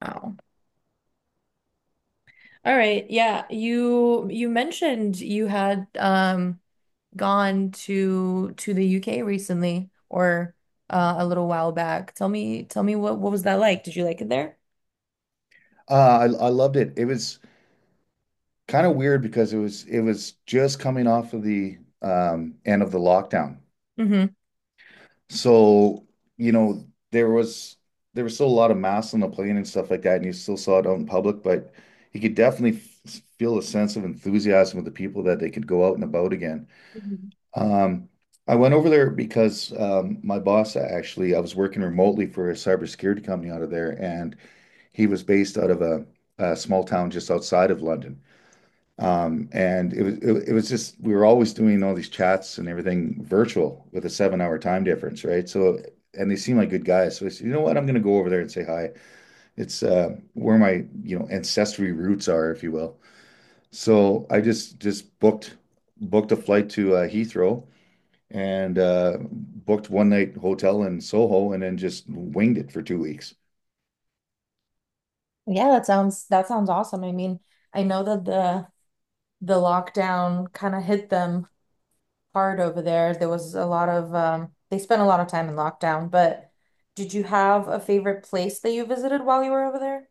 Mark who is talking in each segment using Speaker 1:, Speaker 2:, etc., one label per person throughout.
Speaker 1: Wow. All right. Yeah, you mentioned you had gone to the UK recently or a little while back. Tell me what was that like? Did you like it there?
Speaker 2: Uh, I loved it. It was kind of weird because it was just coming off of the end of the lockdown.
Speaker 1: Mm-hmm.
Speaker 2: So, you know, there was there was still a lot of masks on the plane and stuff like that, and you still saw it out in public, but you could definitely f feel a sense of enthusiasm with the people that they could go out and about again.
Speaker 1: Mhm.
Speaker 2: Um, I went over there because my boss actually, I was working remotely for a cybersecurity company out of there, and he was based out of a small town just outside of London. And it was just we were always doing all these chats and everything virtual with a seven-hour time difference, right? So, and they seem like good guys. So I said, you know what? I'm going to go over there and say hi. It's where my, you know, ancestry roots are, if you will. So I just booked a flight to Heathrow and booked one-night hotel in Soho and then just winged it for 2 weeks.
Speaker 1: Yeah, that sounds awesome. I mean, I know that the lockdown kind of hit them hard over there. There was a lot of they spent a lot of time in lockdown, but did you have a favorite place that you visited while you were over there?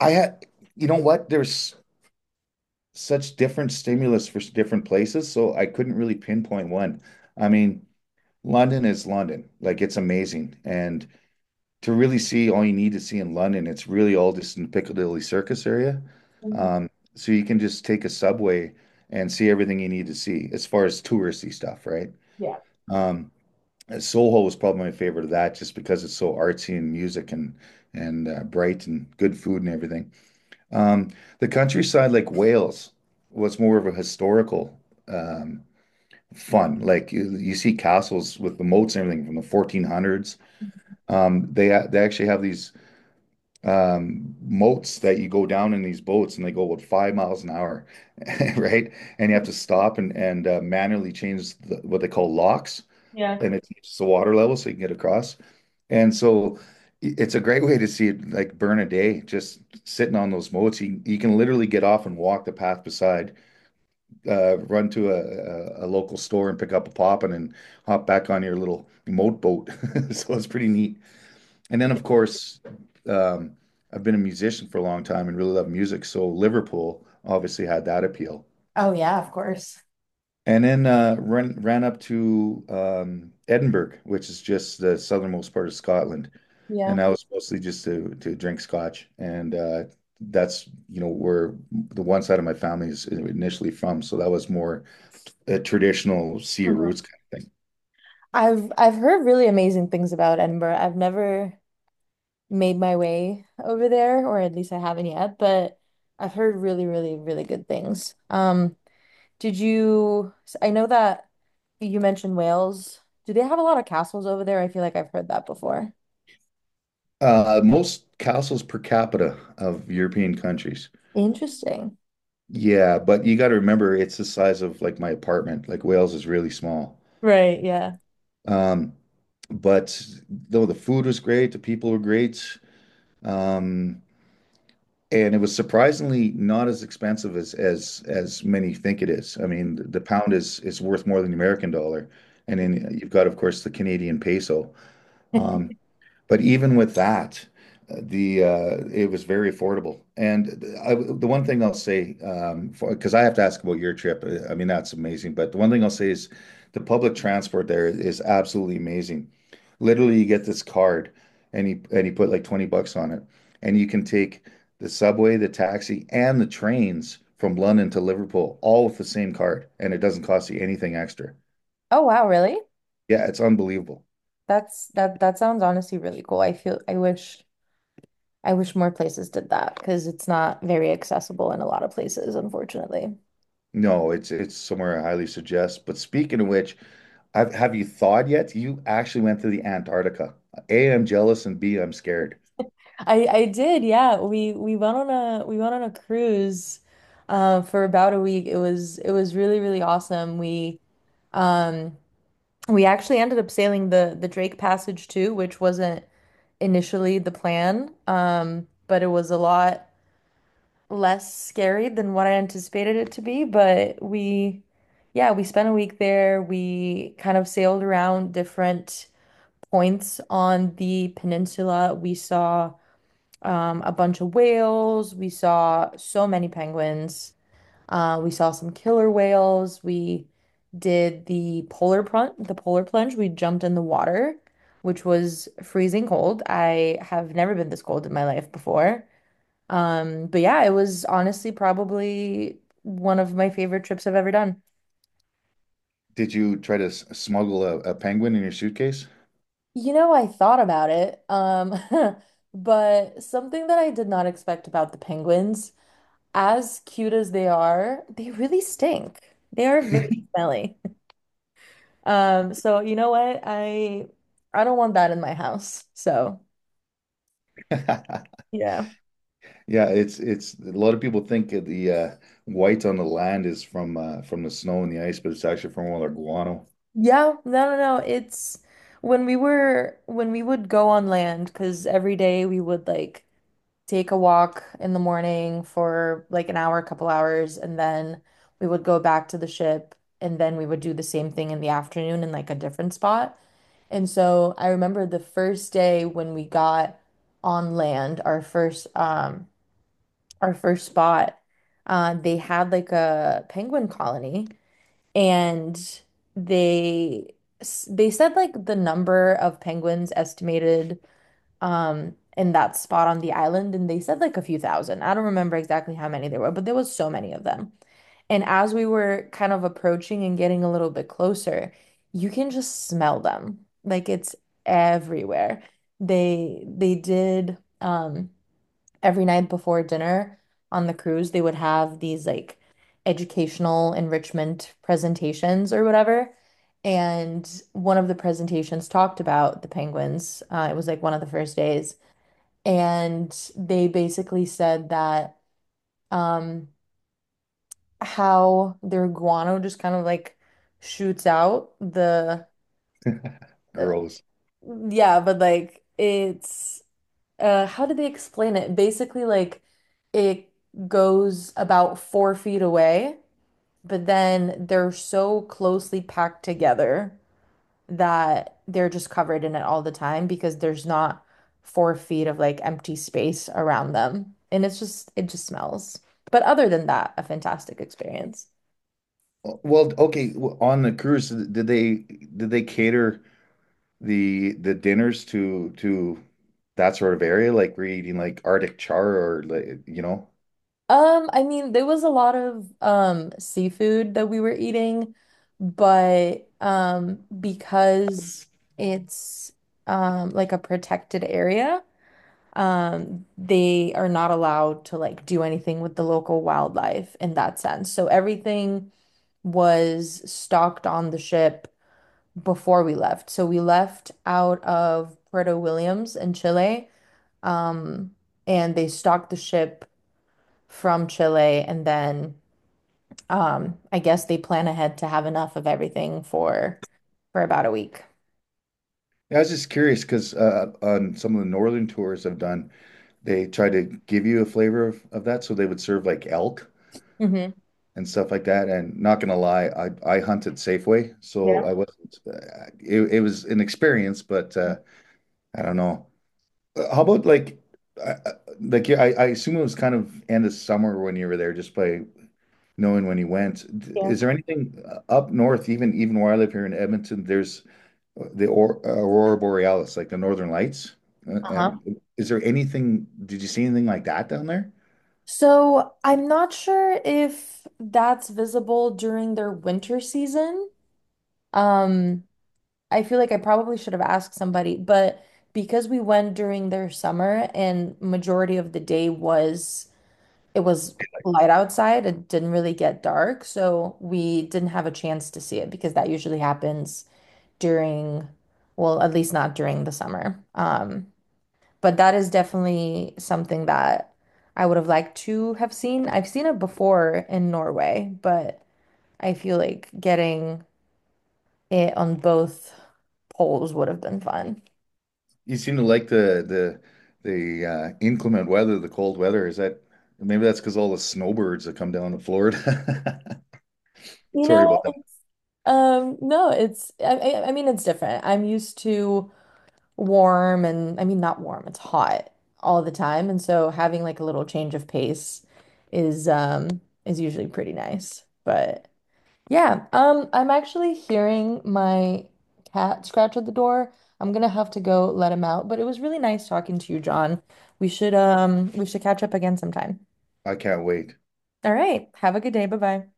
Speaker 2: I had, you know what? There's such different stimulus for different places, so I couldn't really pinpoint one. I mean, London is London. Like it's amazing. And to really see all you need to see in London, it's really all just in the Piccadilly Circus area.
Speaker 1: Mhm.
Speaker 2: Um, so you can just take a subway and see everything you need to see as far as touristy stuff, right?
Speaker 1: Yeah.
Speaker 2: Um, Soho was probably my favorite of that just because it's so artsy and music and bright and good food and everything. Um, the countryside, like Wales, was more of a historical um, fun. Like you see castles with the moats and everything from the 1400s. They actually have these moats that you go down in these boats and they go about 5 miles an hour, right? And you have to stop and manually change the, what they call locks,
Speaker 1: Yeah.
Speaker 2: and it keeps the water level so you can get across. And so it's a great way to see it like burn a day, just sitting on those moats. You can literally get off and walk the path beside, run to a local store and pick up a poppin' and hop back on your little moat boat. So it's pretty neat. And then, of course, um, I've been a musician for a long time and really love music. So Liverpool obviously had that appeal.
Speaker 1: Oh yeah, of course.
Speaker 2: And then ran up to Edinburgh, which is just the southernmost part of Scotland, and
Speaker 1: Yeah.
Speaker 2: that Mhm. was mostly just to drink scotch, and that's you know where the one side of my family is initially from, so that was more a traditional Sea of
Speaker 1: Mhm.
Speaker 2: Roots kind of thing.
Speaker 1: I've heard really amazing things about Edinburgh. I've never made my way over there, or at least I haven't yet, but I've heard really, really, really good things. Did you, I know that you mentioned Wales. Do they have a lot of castles over there? I feel like I've heard that before.
Speaker 2: Most castles per capita of European countries,
Speaker 1: Interesting.
Speaker 2: yeah, but you got to remember it's the size of like my apartment. Like Wales is really small.
Speaker 1: Right, yeah.
Speaker 2: Um, but though the food was great, the people were great. Um, and it was surprisingly not as expensive as many think it is. I mean, the pound is worth more than the American dollar. And then you've got, of course, the Canadian peso. Um, but even with that, the it was very affordable. The one thing I'll say, because I have to ask about your trip, I mean, that's amazing. But the one thing I'll say is the public transport there is absolutely amazing. Literally, you get this card and you put like 20 bucks on it, and you can take the subway, the taxi, and the trains from London to Liverpool all with the same card, and it doesn't cost you anything extra.
Speaker 1: Oh wow, really?
Speaker 2: Yeah, it's unbelievable.
Speaker 1: That sounds honestly really cool. I feel I wish more places did that because it's not very accessible in a lot of places, unfortunately.
Speaker 2: No, it's somewhere I highly suggest. But speaking of which, I've, have you thawed yet? You actually went to the Antarctica. A, I'm jealous, and B, I'm scared.
Speaker 1: I did, yeah. We went on a cruise for about a week. It was really, really awesome. Um we actually ended up sailing the Drake Passage too, which wasn't initially the plan. But it was a lot less scary than what I anticipated it to be. But we yeah, we spent a week there. We kind of sailed around different points on the peninsula. We saw a bunch of whales. We saw so many penguins. We saw some killer whales. We did the polar plunge, We jumped in the water, which was freezing cold. I have never been this cold in my life before. But yeah, it was honestly probably one of my favorite trips I've ever done.
Speaker 2: Did you try to smuggle a penguin in your suitcase?
Speaker 1: You know, I thought about it, but something that I did not expect about the penguins as cute as they are, they really stink. They are very smelly. So you know what? I don't want that in my house. So yeah.
Speaker 2: Yeah, it's a lot of people think that the white on the land is from the snow and the ice, but it's actually from all our guano.
Speaker 1: Yeah, no, no, no. It's when we would go on land, because every day we would like take a walk in the morning for like an hour, a couple hours, and then we would go back to the ship and then we would do the same thing in the afternoon in like a different spot. And so I remember the first day when we got on land, our first spot, they had like a penguin colony and they they said like the number of penguins estimated in that spot on the island and they said like a few thousand. I don't remember exactly how many there were, but there was so many of them. And as we were kind of approaching and getting a little bit closer, you can just smell them. Like it's everywhere. They did every night before dinner on the cruise, they would have these like educational enrichment presentations or whatever. And one of the presentations talked about the penguins. It was like one of the first days. And they basically said that um, how their guano just kind of like shoots out the, uh,
Speaker 2: Gross.
Speaker 1: yeah, but like it's, how did they explain it? Basically, like it goes about 4 feet away, but then they're so closely packed together that they're just covered in it all the time because there's not 4 feet of like empty space around them. And it's just, it just smells. But other than that, a fantastic experience.
Speaker 2: Well, okay, on the cruise, did they cater? The dinners to that sort of area, like we're eating like Arctic char or like you know.
Speaker 1: I mean, there was a lot of seafood that we were eating, but because it's like a protected area, they are not allowed to like do anything with the local wildlife in that sense. So everything was stocked on the ship before we left. So we left out of Puerto Williams in Chile, um, and they stocked the ship from Chile, and then I guess they plan ahead to have enough of everything for about a week.
Speaker 2: Yeah, I was just curious because on some of the northern tours I've done, they try to give you a flavor of that, so they would serve like elk
Speaker 1: Hmm.
Speaker 2: and stuff like that. And not gonna lie, I hunted Safeway,
Speaker 1: Yeah.
Speaker 2: so I wasn't. It was an experience, but I don't know. How about uh, uh, like yeah, I assume it was kind of end of summer when you were there, just by knowing when he went.
Speaker 1: Yeah.
Speaker 2: Is there anything up north, even where I live here in Edmonton, there's Aurora Borealis, like the Northern Lights.
Speaker 1: Uh-huh.
Speaker 2: And is there anything, did you see anything like that down there?
Speaker 1: So I'm not sure if that's visible during their winter season. Um, I feel like I probably should have asked somebody, but because we went during their summer and majority of the day was it was light outside, it didn't really get dark, so we didn't have a chance to see it because that usually happens during, well, at least not during the summer. But that is definitely something that I would have liked to have seen. I've seen it before in Norway, but I feel like getting it on both poles would have been fun.
Speaker 2: You seem to like the inclement weather, the cold weather. Is that maybe that's because all the snowbirds that come down to Florida?
Speaker 1: You
Speaker 2: Sorry
Speaker 1: know,
Speaker 2: about that.
Speaker 1: it's, no, it's, I mean, it's different. I'm used to warm and, I mean, not warm, it's hot all the time. And so having like a little change of pace is, um, is usually pretty nice. But yeah, I'm actually hearing my cat scratch at the door. I'm gonna have to go let him out, but it was really nice talking to you, John. We should catch up again sometime.
Speaker 2: I can't wait.
Speaker 1: All right, have a good day. Bye-bye.